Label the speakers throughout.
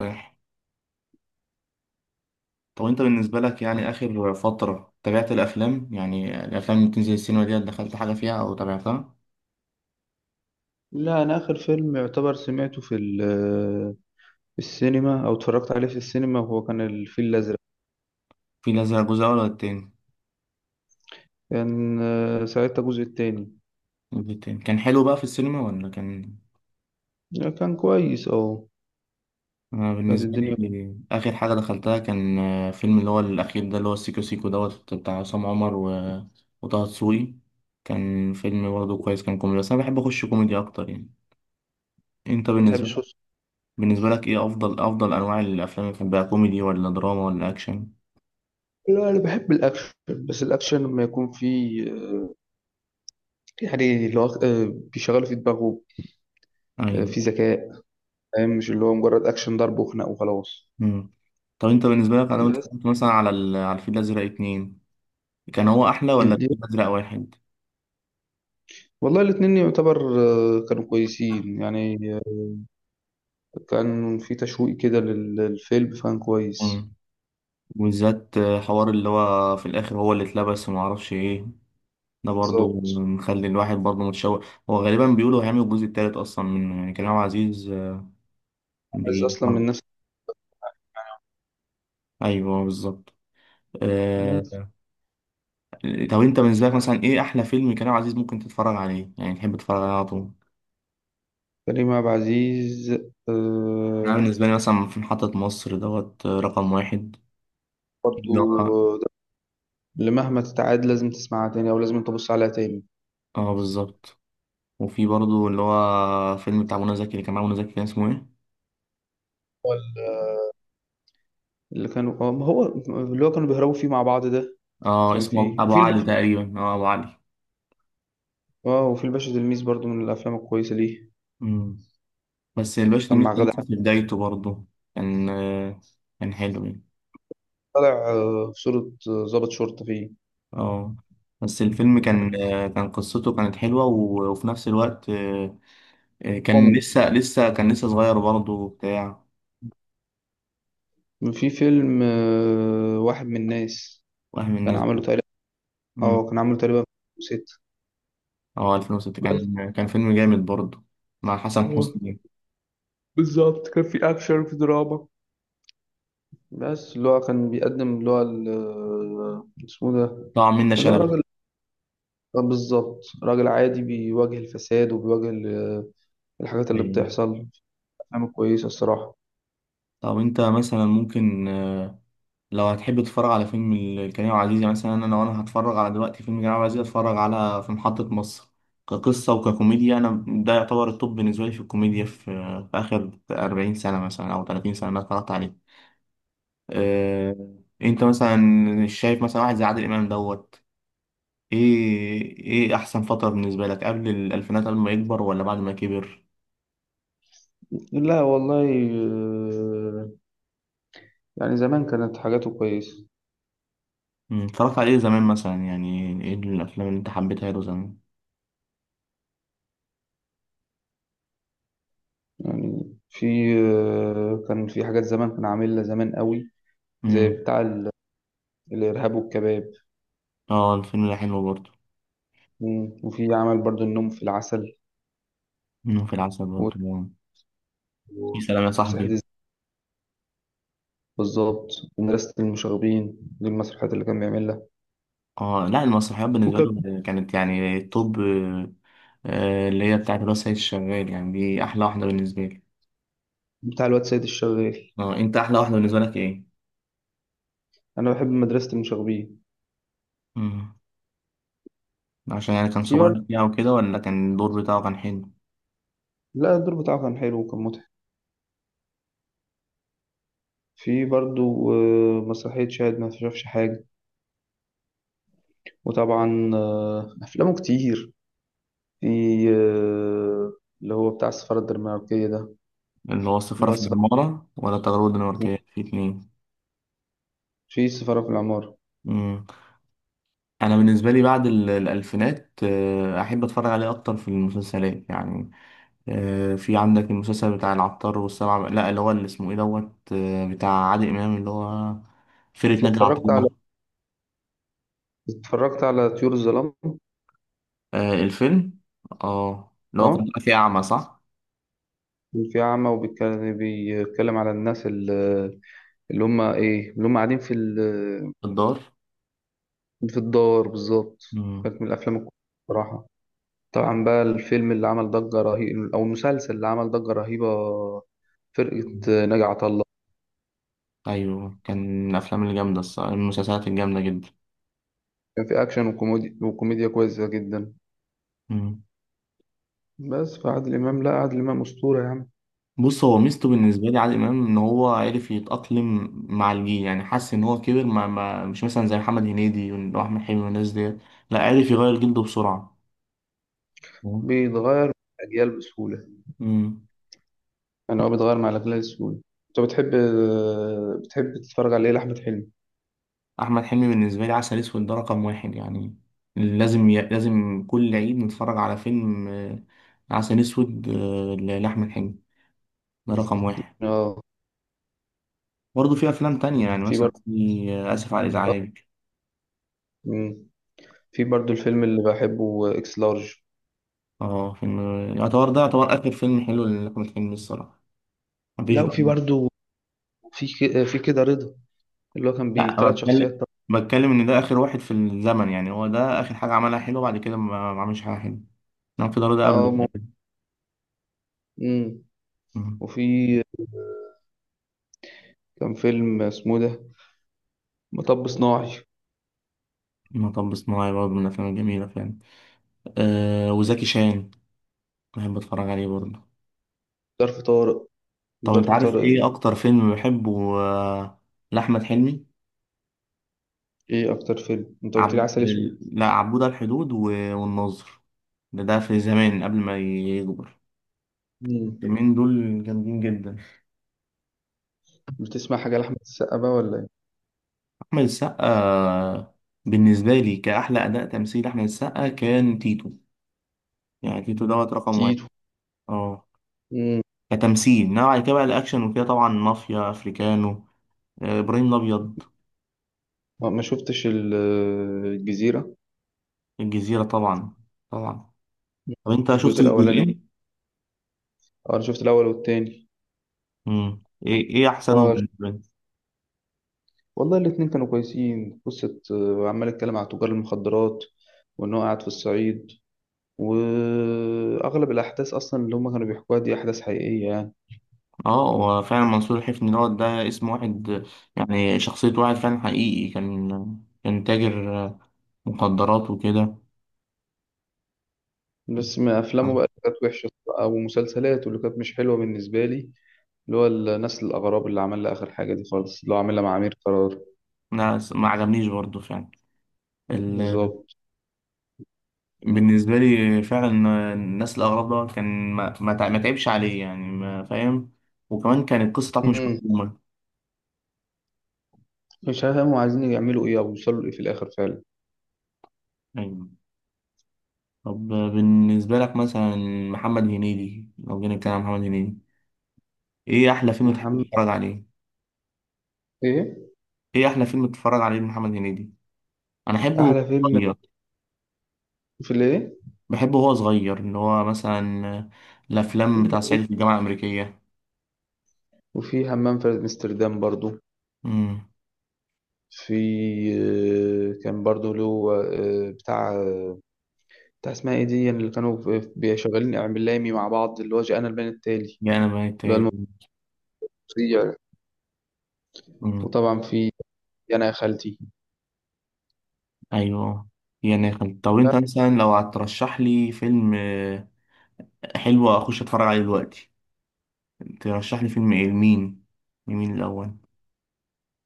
Speaker 1: رايح. طب انت بالنسبة لك يعني آخر فترة تابعت الأفلام؟ يعني الأفلام اللي بتنزل السينما دي دخلت حاجة فيها أو تابعتها؟
Speaker 2: لا انا اخر فيلم يعتبر سمعته في السينما او اتفرجت عليه في السينما هو كان الفيل الازرق.
Speaker 1: في لازم جزء أول ولا التاني؟
Speaker 2: كان ساعتها الجزء التاني.
Speaker 1: الجزء التاني كان حلو بقى في السينما ولا كان؟
Speaker 2: لا، كان كويس اه.
Speaker 1: أنا
Speaker 2: كانت
Speaker 1: بالنسبة
Speaker 2: الدنيا ما
Speaker 1: لي آخر حاجة دخلتها كان فيلم اللي هو الأخير ده اللي هو السيكو سيكو دوت بتاع عصام عمر وطه دسوقي. كان فيلم برضه كويس، كان كوميدي، بس أنا بحب أخش كوميدي أكتر يعني. أنت بالنسبة
Speaker 2: بتحبش
Speaker 1: لك،
Speaker 2: وص-
Speaker 1: بالنسبة لك إيه أفضل أفضل أنواع الأفلام اللي بتحبها؟ كوميدي ولا دراما ولا أكشن؟
Speaker 2: لا انا بحب الاكشن، بس الاكشن لما يكون فيه يعني اللي هو بيشغله في دماغه،
Speaker 1: أيوه.
Speaker 2: في ذكاء. فاهم، مش اللي هو مجرد اكشن ضرب وخناق وخلاص.
Speaker 1: مم. طب انت بالنسبه لك لو انت
Speaker 2: بس
Speaker 1: اتفرجت مثلا على الفيل الازرق اتنين، كان هو احلى ولا
Speaker 2: دي-
Speaker 1: الفيل الازرق واحد؟
Speaker 2: والله الاتنين يعتبر كانوا كويسين يعني، كان في تشويق كده للفيلم فكان كويس.
Speaker 1: مم. وبالذات حوار اللي هو في الاخر، هو اللي اتلبس وما اعرفش ايه، ده برضو
Speaker 2: بالظبط،
Speaker 1: مخلي الواحد برضو متشوق. هو غالبا بيقولوا هيعمل الجزء التالت اصلا منه، يعني كريم عبد العزيز
Speaker 2: عايز
Speaker 1: بيحب.
Speaker 2: اصلا من نفس
Speaker 1: ايوه بالظبط.
Speaker 2: الناس.
Speaker 1: آه... طب انت بالنسبه لك مثلا ايه احلى فيلم كريم عبد العزيز ممكن تتفرج عليه، يعني تحب تتفرج عليه على طول؟
Speaker 2: كريم عبد العزيز
Speaker 1: انا
Speaker 2: آه.
Speaker 1: بالنسبه لي مثلا في محطه مصر دوت، رقم واحد.
Speaker 2: برضو
Speaker 1: اللي هو
Speaker 2: ده اللي مهما تتعاد لازم تسمعها تاني او لازم تبص عليها تاني.
Speaker 1: اه بالظبط. وفي برضه اللي هو فيلم بتاع منى زكي، اللي كان مع منى زكي كان اسمه ايه؟
Speaker 2: ولا اللي كانوا ما هو اللي هو كانوا بيهربوا فيه مع بعض ده.
Speaker 1: اه
Speaker 2: كان
Speaker 1: اسمه
Speaker 2: فيه
Speaker 1: ابو
Speaker 2: وفي
Speaker 1: علي
Speaker 2: الباشا.
Speaker 1: تقريبا، اه ابو علي.
Speaker 2: اه، وفي الباشا تلميذ برضو من الافلام الكويسه ليه.
Speaker 1: مم. بس الباشا
Speaker 2: كان
Speaker 1: تلميذ
Speaker 2: مع
Speaker 1: كان
Speaker 2: غادة
Speaker 1: لسه في
Speaker 2: عادل.
Speaker 1: بدايته برضه. كان كان حلو يعني.
Speaker 2: طالع في صورة ضابط شرطة فيه.
Speaker 1: اه. بس الفيلم كان كان قصته كانت حلوة وفي نفس الوقت كان
Speaker 2: كوميدي.
Speaker 1: لسه كان لسه صغير برضه وبتاع.
Speaker 2: في فيلم واحد من الناس.
Speaker 1: وهم
Speaker 2: كان
Speaker 1: الناس
Speaker 2: عامله
Speaker 1: دي.
Speaker 2: تقريبا. اه
Speaker 1: مم.
Speaker 2: كان عامله تقريبا ست.
Speaker 1: اه 2006
Speaker 2: بس
Speaker 1: كان فيلم جامد برضه، مع حسن
Speaker 2: آه،
Speaker 1: حسني.
Speaker 2: بالظبط كان في اكشن وفي دراما. بس اللي هو كان بيقدم اللي هو اسمه ده
Speaker 1: طبعا منة
Speaker 2: اللي هو
Speaker 1: شلبي.
Speaker 2: راجل، بالظبط راجل عادي بيواجه الفساد وبيواجه الحاجات اللي
Speaker 1: أيوة.
Speaker 2: بتحصل. أفلام كويسة الصراحة.
Speaker 1: طب انت مثلا ممكن لو هتحب تتفرج على فيلم كريم عبد العزيز، يعني مثلا انا لو انا هتفرج على دلوقتي فيلم كريم عبد العزيز هتفرج على في محطة مصر. كقصة وككوميديا انا ده يعتبر التوب بالنسبة لي في الكوميديا، في اخر 40 سنة مثلا او 30 سنة انا اتفرجت عليه. أه... انت مثلا شايف مثلا واحد زي عادل امام دوت، ايه ايه احسن فترة بالنسبة لك؟ قبل الالفينات، قبل ما يكبر، ولا بعد ما كبر؟
Speaker 2: لا والله، آه، يعني زمان كانت حاجاته كويسة.
Speaker 1: مم، اتفرجت عليه زمان مثلا؟ يعني ايه الافلام اللي انت حبيتها له زمان؟
Speaker 2: يعني في، كان في حاجات زمان كان عاملها زمان قوي، زي
Speaker 1: امم.
Speaker 2: الإرهاب والكباب.
Speaker 1: اه الفيلم ده حلو برضه.
Speaker 2: وفي عمل برضو النوم في العسل،
Speaker 1: منهم في العسل
Speaker 2: و-
Speaker 1: برضه. يا
Speaker 2: وصحة
Speaker 1: سلام يا صاحبي.
Speaker 2: الز- بالظبط. ومدرسة المشاغبين دي المسرحيات اللي كان بيعملها.
Speaker 1: اه، لا المسرحيات بالنسبه
Speaker 2: وكان
Speaker 1: لهم كانت يعني الطب. اللي هي بتاعت الواد سيد الشغال يعني، دي احلى واحده بالنسبه لي.
Speaker 2: بتاع الواد سيد الشغال.
Speaker 1: اه انت احلى واحده بالنسبه لك ايه؟
Speaker 2: انا بحب مدرسة المشاغبين.
Speaker 1: امم. عشان يعني كان
Speaker 2: في برضه.
Speaker 1: صغير فيها وكده، ولا كان الدور بتاعه كان حلو؟
Speaker 2: لا الدور بتاعه كان حلو وكان مضحك. في برضه مسرحية شاهد ما شافش حاجة. وطبعا أفلامه كتير. في آه، اللي هو بتاع السفارة الدنماركية ده.
Speaker 1: اللي هو السفاره
Speaker 2: اللي هو
Speaker 1: في
Speaker 2: السفارة،
Speaker 1: العماره ولا التجربه الدنماركيه في اتنين؟
Speaker 2: في السفارة في العمارة.
Speaker 1: امم. انا بالنسبه لي بعد الالفينات احب اتفرج عليه اكتر في المسلسلات يعني. في عندك المسلسل بتاع العطار والسبع، لا اللي هو اللي اسمه ايه دوت، بتاع عادل امام اللي هو فرقة ناجي عطا
Speaker 2: اتفرجت على،
Speaker 1: الله.
Speaker 2: اتفرجت على طيور الظلام.
Speaker 1: الفيلم، اه اللي هو كان
Speaker 2: اه،
Speaker 1: طالع فيه اعمى صح؟
Speaker 2: كان في أعمى وبيتكلم، بيتكلم على الناس اللي هم إيه، اللي هم قاعدين في
Speaker 1: في الدار.
Speaker 2: في الدار بالظبط.
Speaker 1: مم.
Speaker 2: كانت من الأفلام الكويسة بصراحة. طبعا بقى الفيلم اللي عمل ضجة رهيبة، أو المسلسل اللي عمل ضجة رهيبة، فرقة ناجي عطا الله.
Speaker 1: ايوه، كان من الافلام الجامده الصراحه، المسلسلات الجامده جدا.
Speaker 2: كان في أكشن وكوميديا، وكوميديا كويسة جدا.
Speaker 1: مم.
Speaker 2: بس فعادل إمام، لا عادل إمام أسطورة يا عم.
Speaker 1: بص، هو ميزته بالنسبه لي عادل امام ان هو عرف يتاقلم مع الجيل، يعني حس ان هو كبر، ما مش مثلا زي محمد هنيدي واحمد حلمي والناس ديت. لا عرف يغير جلده بسرعه. مم.
Speaker 2: بيتغير مع الأجيال بسهولة.
Speaker 1: مم.
Speaker 2: يعني هو بيتغير مع الأجيال بسهولة. أنت بتحب بتحب تتفرج على إيه لأحمد حلمي؟
Speaker 1: احمد حلمي بالنسبه لي عسل اسود ده رقم واحد يعني. لازم كل عيد نتفرج على فيلم عسل اسود، لاحمد حلمي، ده رقم واحد.
Speaker 2: آه.
Speaker 1: برضه في افلام تانية، يعني
Speaker 2: في
Speaker 1: مثلا
Speaker 2: برضه.
Speaker 1: في اسف على الازعاج.
Speaker 2: مم. في برضه الفيلم اللي بحبه إكس لارج.
Speaker 1: اه فيلم. يعتبر ده يعتبر اخر فيلم حلو لاحمد حلمي الصراحه، مفيش
Speaker 2: لا
Speaker 1: بقى.
Speaker 2: وفي برضه، في كده رضا اللي هو كان بيه
Speaker 1: لا أنا
Speaker 2: تلات شخصيات.
Speaker 1: بتكلم ان ده اخر واحد في الزمن، يعني هو ده اخر حاجه عملها حلو، بعد كده ما عملش حاجه حلوه. نعم في دار ده قبل.
Speaker 2: اه. مم.
Speaker 1: مم.
Speaker 2: وفي، كان فيلم اسمه ده مطب صناعي.
Speaker 1: مطب صناعي برضه من الافلام الجميله فعلا. آه وزكي شان بحب اتفرج عليه برضه.
Speaker 2: ظرف طارق.
Speaker 1: طب انت
Speaker 2: ظرف
Speaker 1: عارف
Speaker 2: طارق.
Speaker 1: ايه اكتر فيلم بحبه لاحمد حلمي؟
Speaker 2: ايه اكتر فيلم، انت قلت لي
Speaker 1: عب...
Speaker 2: عسل اسود.
Speaker 1: لا عبود على الحدود والناظر. ده في زمان قبل ما يكبر.
Speaker 2: مم.
Speaker 1: الفيلمين دول جامدين جدا.
Speaker 2: بتسمع حاجه لاحمد السقا بقى ولا ايه؟
Speaker 1: احمد السقا بالنسبه لي كاحلى اداء تمثيل احمد السقا كان تيتو، يعني تيتو دوت رقم واحد.
Speaker 2: تيتو.
Speaker 1: اه
Speaker 2: مم.
Speaker 1: كتمثيل، انما بعد كده بقى الاكشن وكده، طبعا مافيا افريكانو، ابراهيم الابيض.
Speaker 2: ما ما شفتش ال- الجزيره.
Speaker 1: الجزيره طبعا، طبعا.
Speaker 2: مم.
Speaker 1: طب انت
Speaker 2: الجزء
Speaker 1: شفت
Speaker 2: الاولاني.
Speaker 1: الجزئين؟
Speaker 2: اه انا شفت الاول والتاني.
Speaker 1: مم. ايه ايه احسنهم
Speaker 2: اه شفت،
Speaker 1: بالنسبه لي؟
Speaker 2: والله الاتنين كانوا كويسين. قصه عمال اتكلم على تجار المخدرات، وان هو قاعد في الصعيد. واغلب الاحداث اصلا اللي هم كانوا بيحكوها دي احداث حقيقيه يعني.
Speaker 1: اه هو فعلا منصور الحفني دوت، ده اسم واحد، يعني شخصيه واحد فعلا حقيقي كان، كان تاجر مخدرات وكده.
Speaker 2: بس ما افلامه بقى اللي كانت وحشه، او مسلسلاته اللي كانت مش حلوه بالنسبه لي، اللي هو النسل الاغراب اللي عملها اخر حاجه دي خالص، اللي هو عاملها مع امير قرار.
Speaker 1: لا ما عجبنيش برضه فعلا. ال...
Speaker 2: بالظبط.
Speaker 1: بالنسبه لي فعلا الناس الاغراب دوت كان، ما تعبش عليه يعني، ما فاهم. وكمان كانت القصه بتاعته مش
Speaker 2: مم.
Speaker 1: مفهومه.
Speaker 2: مش هفهم عايزين يعملوا ايه او يوصلوا لايه في الاخر فعلا.
Speaker 1: ايوه. طب بالنسبه لك مثلا محمد هنيدي، لو جينا نتكلم عن محمد هنيدي، ايه احلى فيلم تحب
Speaker 2: محمد،
Speaker 1: تتفرج عليه؟
Speaker 2: ايه
Speaker 1: ايه احلى فيلم بتتفرج عليه لمحمد هنيدي؟ انا احبه
Speaker 2: احلى
Speaker 1: وهو
Speaker 2: فيلم
Speaker 1: صغير.
Speaker 2: في الايه؟
Speaker 1: بحبه وهو صغير، ان هو مثلا الافلام بتاع صعيدي في الجامعه الامريكيه.
Speaker 2: وفي همام في امستردام برضو.
Speaker 1: امم.
Speaker 2: في كان برضو له آه، بتاع آه، بتاع اسمها ايه دي، يعني اللي كانوا شغالين اعلامي مع بعض، اللي هو جاءنا البيان التالي
Speaker 1: يا انا بقيت.
Speaker 2: اللي هو المفضل.
Speaker 1: امم.
Speaker 2: وطبعا في يا انا يا خالتي.
Speaker 1: ايوه. يا ناخل. طب
Speaker 2: لا،
Speaker 1: انت مثلا لو هترشح لي فيلم حلو اخش اتفرج عليه دلوقتي، ترشح لي فيلم ايه لمين؟ لمين الاول؟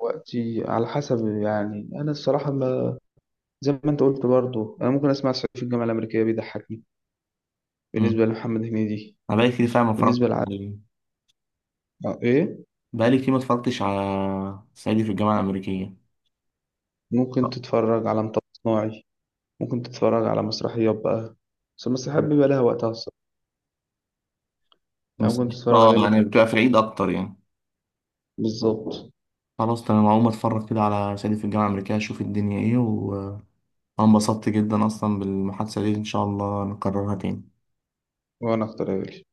Speaker 2: وقتي على حسب يعني. انا الصراحه ما، زي ما انت قلت برضو، انا ممكن اسمع صعيدي في الجامعه الامريكيه، بيضحكني
Speaker 1: امم.
Speaker 2: بالنسبه لمحمد هنيدي.
Speaker 1: انا بقالي كتير فعلا ما اتفرجتش
Speaker 2: بالنسبه لع...
Speaker 1: عليه.
Speaker 2: ايه،
Speaker 1: بقالي كتير ما اتفرجتش على صعيدي في الجامعه الامريكيه.
Speaker 2: ممكن
Speaker 1: آه.
Speaker 2: تتفرج على مطب صناعي، ممكن تتفرج على مسرحيات بقى. بس المسرحيات بيبقى لها وقتها الصراحه، يعني ممكن تتفرج
Speaker 1: اه
Speaker 2: عليها.
Speaker 1: يعني بتبقى في العيد اكتر يعني.
Speaker 2: بالظبط.
Speaker 1: خلاص تمام، هقوم اتفرج كده على صعيدي في الجامعة الأمريكية اشوف الدنيا ايه. وانا انبسطت جدا اصلا بالمحادثة دي، ان شاء الله نكررها تاني.
Speaker 2: وانا اختار ايه؟